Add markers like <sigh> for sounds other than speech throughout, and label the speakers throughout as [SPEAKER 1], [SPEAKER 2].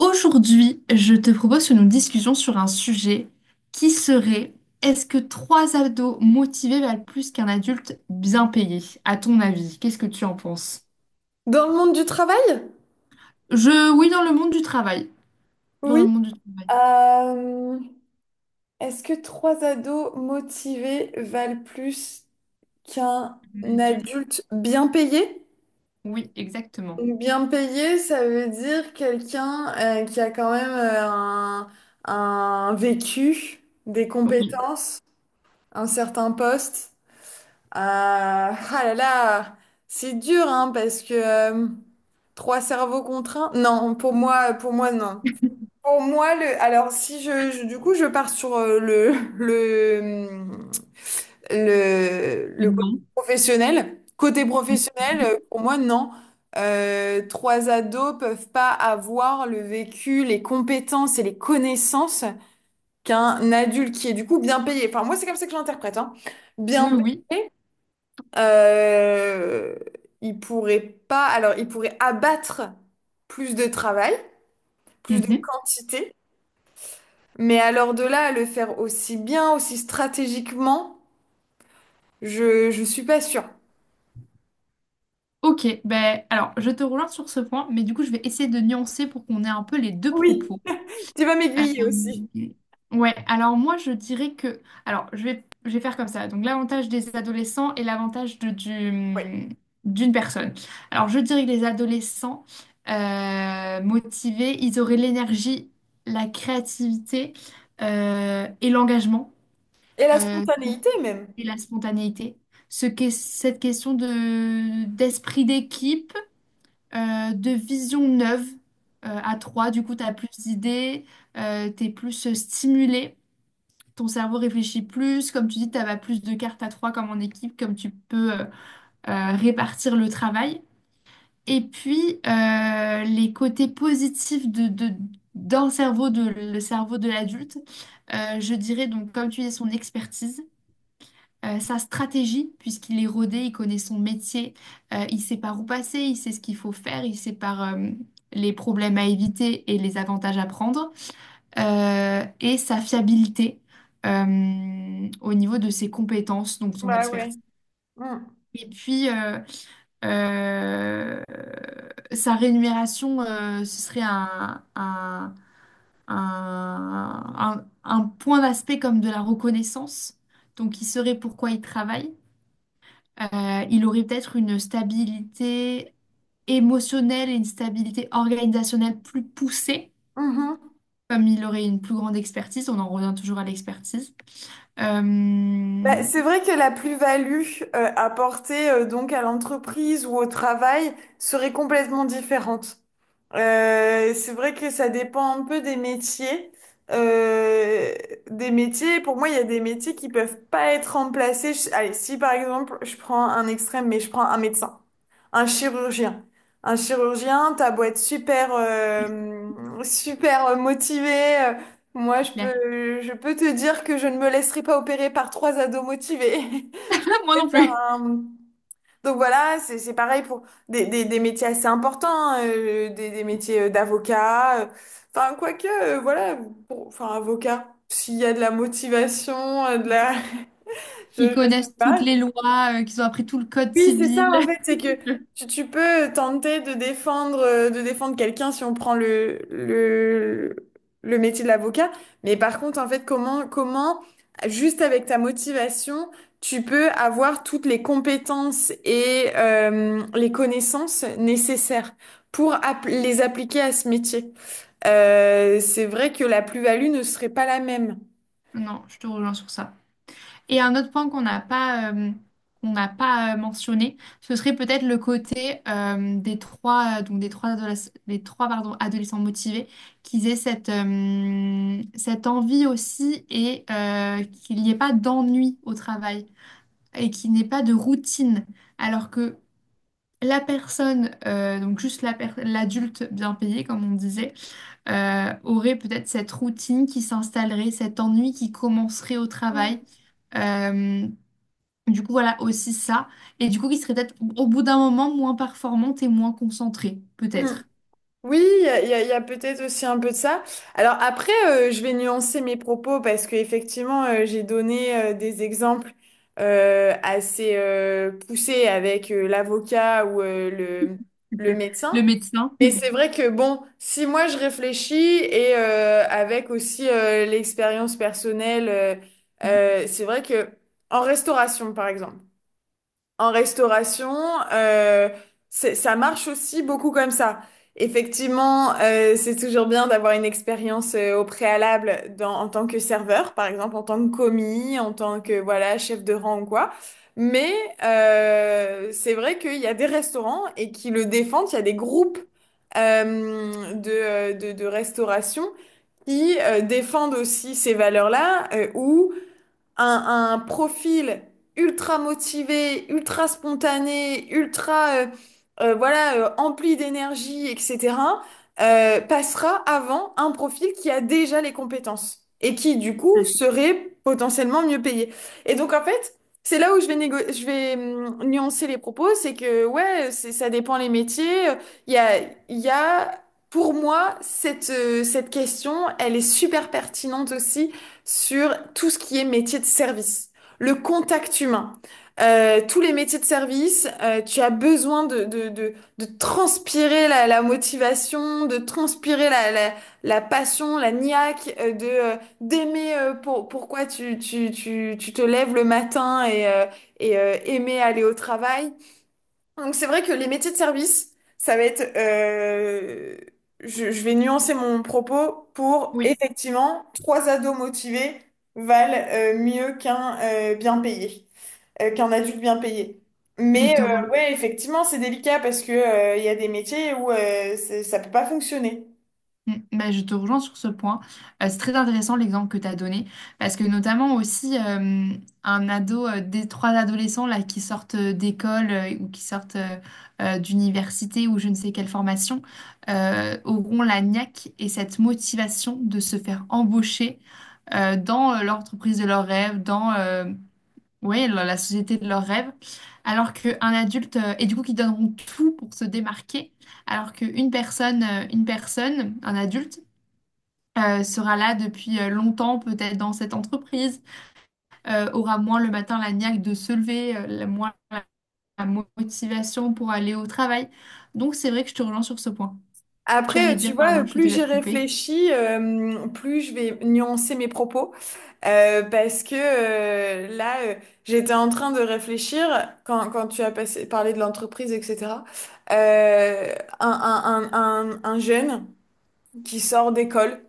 [SPEAKER 1] Aujourd'hui, je te propose une discussion sur un sujet qui serait est-ce que trois ados motivés valent plus qu'un adulte bien payé, à ton avis? Qu'est-ce que tu en penses?
[SPEAKER 2] Dans le monde du travail?
[SPEAKER 1] Oui, dans le monde du travail. Dans le
[SPEAKER 2] Oui.
[SPEAKER 1] monde du travail.
[SPEAKER 2] Euh, Est-ce que trois ados motivés valent plus qu'un
[SPEAKER 1] Un adulte,
[SPEAKER 2] adulte bien payé?
[SPEAKER 1] oui, exactement.
[SPEAKER 2] Bien payé, ça veut dire quelqu'un qui a quand même un vécu, des
[SPEAKER 1] Oui
[SPEAKER 2] compétences, un certain poste. Ah là là, c'est dur hein, parce que trois cerveaux contraints. Non, pour moi non. Pour moi, le, alors si je, je- du coup je pars sur
[SPEAKER 1] et
[SPEAKER 2] le
[SPEAKER 1] non.
[SPEAKER 2] côté
[SPEAKER 1] Mhm.
[SPEAKER 2] professionnel, pour moi non. Trois ados peuvent pas avoir le vécu, les compétences et les connaissances qu'un adulte qui est du coup bien payé. Enfin moi c'est comme ça que je l'interprète, hein.
[SPEAKER 1] Oui,
[SPEAKER 2] Bien
[SPEAKER 1] oui.
[SPEAKER 2] payé, euh, il pourrait pas, alors il pourrait abattre plus de travail, plus de
[SPEAKER 1] Mhm.
[SPEAKER 2] quantité. Mais alors de là à le faire aussi bien, aussi stratégiquement, je suis pas sûre.
[SPEAKER 1] Ok, ben alors je te rejoins sur ce point, mais du coup je vais essayer de nuancer pour qu'on ait un peu les deux
[SPEAKER 2] Oui,
[SPEAKER 1] propos.
[SPEAKER 2] tu vas m'aiguiller
[SPEAKER 1] Euh,
[SPEAKER 2] aussi.
[SPEAKER 1] ouais, alors moi je dirais que. Alors je vais faire comme ça. Donc l'avantage des adolescents et l'avantage
[SPEAKER 2] Oui.
[SPEAKER 1] d'une personne. Alors je dirais que les adolescents motivés, ils auraient l'énergie, la créativité et l'engagement
[SPEAKER 2] Et la
[SPEAKER 1] euh,
[SPEAKER 2] spontanéité même.
[SPEAKER 1] et la spontanéité. Ce qu'est cette question de, d'esprit d'équipe de vision neuve à trois. Du coup, tu as plus d'idées, tu es plus stimulé, ton cerveau réfléchit plus. Comme tu dis, tu as plus de cartes à trois comme en équipe, comme tu peux répartir le travail. Et puis, les côtés positifs de, d'un cerveau, de, le cerveau de l'adulte, je dirais donc, comme tu dis, son expertise sa stratégie, puisqu'il est rodé, il connaît son métier, il sait par où passer, il sait ce qu'il faut faire, il sait par les problèmes à éviter et les avantages à prendre, et sa fiabilité au niveau de ses compétences, donc son
[SPEAKER 2] Bah ouais.
[SPEAKER 1] expertise.
[SPEAKER 2] Mm.
[SPEAKER 1] Et puis, euh, sa rémunération, ce serait un point d'aspect comme de la reconnaissance. Donc, il saurait pourquoi il travaille. Il aurait peut-être une stabilité émotionnelle et une stabilité organisationnelle plus poussée,
[SPEAKER 2] Mhm.
[SPEAKER 1] comme il aurait une plus grande expertise. On en revient toujours à l'expertise.
[SPEAKER 2] Bah,
[SPEAKER 1] Euh,
[SPEAKER 2] c'est vrai que la plus-value apportée donc à l'entreprise ou au travail serait complètement différente. C'est vrai que ça dépend un peu des métiers. Euh, pour moi, il y a des métiers qui peuvent pas être remplacés. Allez, si par exemple, je prends un extrême, mais je prends un médecin, un chirurgien. Un chirurgien, t'as beau être super, super motivé. Moi,
[SPEAKER 1] Claire.
[SPEAKER 2] je peux te dire que je ne me laisserai pas opérer par trois ados motivés. <laughs>
[SPEAKER 1] <laughs> Moi
[SPEAKER 2] Je
[SPEAKER 1] non
[SPEAKER 2] préfère
[SPEAKER 1] plus.
[SPEAKER 2] un, donc voilà, c'est pareil pour des métiers assez importants, hein, des métiers d'avocat. Enfin, quoique, voilà, enfin, avocat, s'il y a de la motivation, de la... <laughs>
[SPEAKER 1] Ils
[SPEAKER 2] Je sais
[SPEAKER 1] connaissent
[SPEAKER 2] pas,
[SPEAKER 1] toutes les lois, qu'ils ont appris tout le code
[SPEAKER 2] oui, c'est ça
[SPEAKER 1] civil.
[SPEAKER 2] en fait,
[SPEAKER 1] <laughs>
[SPEAKER 2] c'est que tu peux tenter de défendre quelqu'un si on prend le métier de l'avocat, mais par contre, en fait, juste avec ta motivation, tu peux avoir toutes les compétences et les connaissances nécessaires pour les appliquer à ce métier. C'est vrai que la plus-value ne serait pas la même.
[SPEAKER 1] Non, je te rejoins sur ça. Et un autre point qu'on n'a pas mentionné, ce serait peut-être le côté des trois, adolescents motivés, qu'ils aient cette, cette envie aussi et qu'il n'y ait pas d'ennui au travail et qu'il n'y ait pas de routine. Alors que la personne, donc l'adulte bien payé, comme on disait, aurait peut-être cette routine qui s'installerait, cet ennui qui commencerait au travail. Euh, du coup, voilà aussi ça. Et du coup, qui serait peut-être au bout d'un moment moins performante et moins concentrée,
[SPEAKER 2] Mm.
[SPEAKER 1] peut-être.
[SPEAKER 2] Oui, il y a peut-être aussi un peu de ça. Alors après, je vais nuancer mes propos parce que effectivement, j'ai donné des exemples assez poussés avec l'avocat ou le
[SPEAKER 1] <laughs> Le
[SPEAKER 2] médecin.
[SPEAKER 1] médecin.
[SPEAKER 2] Mais
[SPEAKER 1] Mm,
[SPEAKER 2] c'est vrai que bon, si moi je réfléchis et avec aussi l'expérience personnelle, c'est vrai que en restauration, par exemple en restauration, euh, ça marche aussi beaucoup comme ça. Effectivement, c'est toujours bien d'avoir une expérience au préalable dans, en tant que serveur, par exemple en tant que commis, en tant que voilà chef de rang ou quoi. Mais c'est vrai qu'il y a des restaurants et qui le défendent. Il y a des groupes de restauration qui défendent aussi ces valeurs-là, où un profil ultra motivé, ultra spontané, ultra voilà empli d'énergie, etc. Passera avant un profil qui a déjà les compétences et qui du
[SPEAKER 1] tout
[SPEAKER 2] coup
[SPEAKER 1] à fait.
[SPEAKER 2] serait potentiellement mieux payé. Et donc en fait C'est là où je vais je vais nuancer les propos, c'est que ouais, ça dépend les métiers. Il y a, il y a, pour moi, cette question, elle est super pertinente aussi sur tout ce qui est métier de service, le contact humain. Tous les métiers de service, tu as besoin de transpirer la motivation, de transpirer la passion, la niaque, d'aimer pourquoi tu te lèves le matin et, aimer aller au travail. Donc c'est vrai que les métiers de service, ça va être, je vais nuancer mon propos pour
[SPEAKER 1] Oui,
[SPEAKER 2] effectivement, trois ados motivés valent mieux qu'un bien payé, qu'un adulte bien payé.
[SPEAKER 1] je
[SPEAKER 2] Mais
[SPEAKER 1] te, re-
[SPEAKER 2] ouais, effectivement, c'est délicat parce que il y a des métiers où ça peut pas fonctionner.
[SPEAKER 1] Mm, bah, je te rejoins sur ce point. C'est très intéressant l'exemple que tu as donné, parce que notamment aussi un ado, des trois adolescents là, qui sortent d'école ou qui sortent d'université ou je ne sais quelle formation, auront la niaque et cette motivation de se faire embaucher dans l'entreprise de leurs rêves, dans ouais, la la société de leurs rêves, alors qu'un adulte, et du coup qui donneront tout pour se démarquer, alors qu'une personne, un adulte, sera là depuis longtemps, peut-être dans cette entreprise, aura moins le matin la niaque de se lever, moins la la motivation pour aller au travail. Donc c'est vrai que je te relance sur ce point. Tu
[SPEAKER 2] Après,
[SPEAKER 1] allais
[SPEAKER 2] tu
[SPEAKER 1] dire,
[SPEAKER 2] vois,
[SPEAKER 1] pardon, je te
[SPEAKER 2] plus
[SPEAKER 1] laisse
[SPEAKER 2] j'y
[SPEAKER 1] te couper.
[SPEAKER 2] réfléchis, plus je vais nuancer mes propos. Parce que là, j'étais en train de réfléchir quand tu as parlé de l'entreprise, etc. Euh, un jeune qui sort d'école.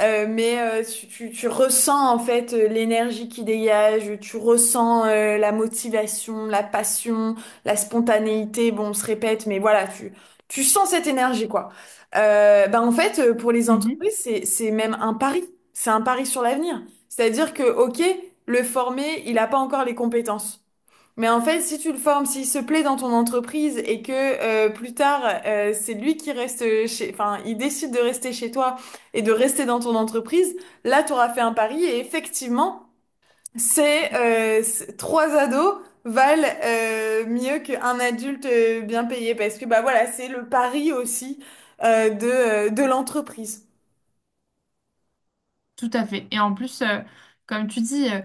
[SPEAKER 2] Mais tu ressens en fait l'énergie qui dégage, tu ressens la motivation, la passion, la spontanéité. Bon, on se répète, mais voilà, tu sens cette énergie quoi. Bah, en fait, pour les entreprises, c'est même un pari. C'est un pari sur l'avenir. C'est-à-dire que, ok, le formé, il n'a pas encore les compétences. Mais en fait, si tu le formes, s'il se plaît dans ton entreprise et que plus tard, c'est lui qui reste chez, enfin, il décide de rester chez toi et de rester dans ton entreprise, là, tu auras fait un pari et effectivement, trois ados valent mieux qu'un adulte bien payé parce que bah voilà, c'est le pari aussi de l'entreprise.
[SPEAKER 1] Tout à fait. Et en plus, comme tu dis,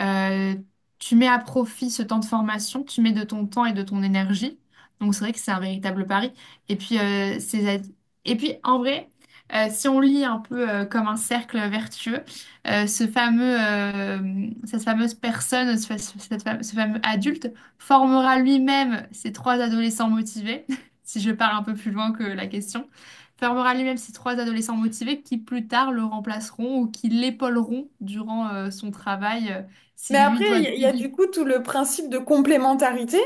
[SPEAKER 1] euh, tu mets à profit ce temps de formation, tu mets de ton temps et de ton énergie. Donc c'est vrai que c'est un véritable pari. Et puis, et puis en vrai, si on lit un peu comme un cercle vertueux, ce fameux, cette fameuse personne, ce fameux adulte formera lui-même ses trois adolescents motivés, <laughs> si je pars un peu plus loin que la question fermera les mêmes ces trois adolescents motivés qui plus tard le remplaceront ou qui l'épauleront durant son travail
[SPEAKER 2] Mais
[SPEAKER 1] si lui
[SPEAKER 2] après,
[SPEAKER 1] doit
[SPEAKER 2] il y a du
[SPEAKER 1] déléguer
[SPEAKER 2] coup tout le principe de complémentarité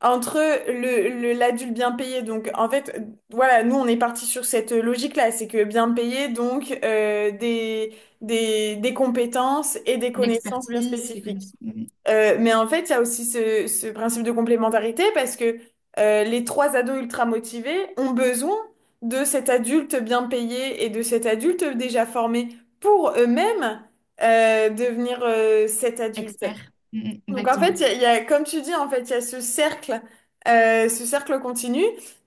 [SPEAKER 2] entre l'adulte bien payé. Donc, en fait, voilà, nous, on est parti sur cette logique-là. C'est que bien payé, donc des compétences et des
[SPEAKER 1] une
[SPEAKER 2] connaissances bien
[SPEAKER 1] expertise, des
[SPEAKER 2] spécifiques.
[SPEAKER 1] connaissances, Mm, mm,
[SPEAKER 2] Mais en fait, il y a aussi ce principe de complémentarité parce que les trois ados ultra motivés ont besoin de cet adulte bien payé et de cet adulte déjà formé pour eux-mêmes devenir cet adulte.
[SPEAKER 1] expert. Mm, mm,
[SPEAKER 2] Donc en fait,
[SPEAKER 1] exactement.
[SPEAKER 2] comme tu dis, en fait, il y a ce cercle continu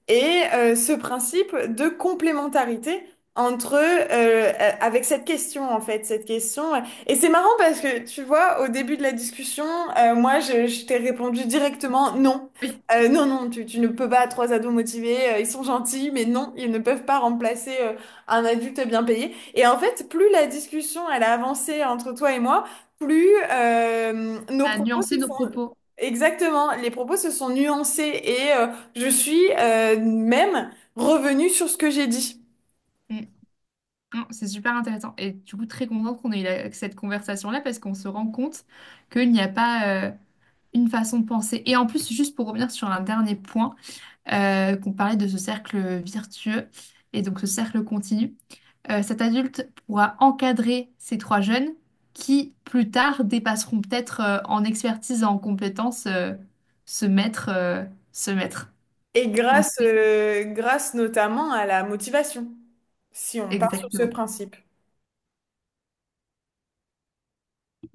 [SPEAKER 2] et ce principe de complémentarité entre avec cette question en fait, cette question. Et c'est marrant parce que tu vois, au début de la discussion, je t'ai répondu directement non.
[SPEAKER 1] Oui,
[SPEAKER 2] Non, non, tu ne peux pas. Trois ados motivés, ils sont gentils, mais non, ils ne peuvent pas remplacer un adulte bien payé. Et en fait, plus la discussion elle a avancé entre toi et moi plus nos
[SPEAKER 1] à
[SPEAKER 2] propos
[SPEAKER 1] nuancer
[SPEAKER 2] se
[SPEAKER 1] nos
[SPEAKER 2] sont
[SPEAKER 1] propos.
[SPEAKER 2] exactement, les propos se sont nuancés et je suis même revenue sur ce que j'ai dit.
[SPEAKER 1] Mm. Non, c'est super intéressant. Et du coup, très contente qu'on ait eu cette conversation-là parce qu'on se rend compte qu'il n'y a pas une façon de penser. Et en plus, juste pour revenir sur un dernier point, qu'on parlait de ce cercle vertueux et donc ce cercle continu. Cet adulte pourra encadrer ces trois jeunes qui, plus tard, dépasseront peut-être en expertise et en compétences ce maître, euh, ce maître.
[SPEAKER 2] Et
[SPEAKER 1] Donc, c'est
[SPEAKER 2] grâce notamment à la motivation, si on part sur ce
[SPEAKER 1] exactement.
[SPEAKER 2] principe.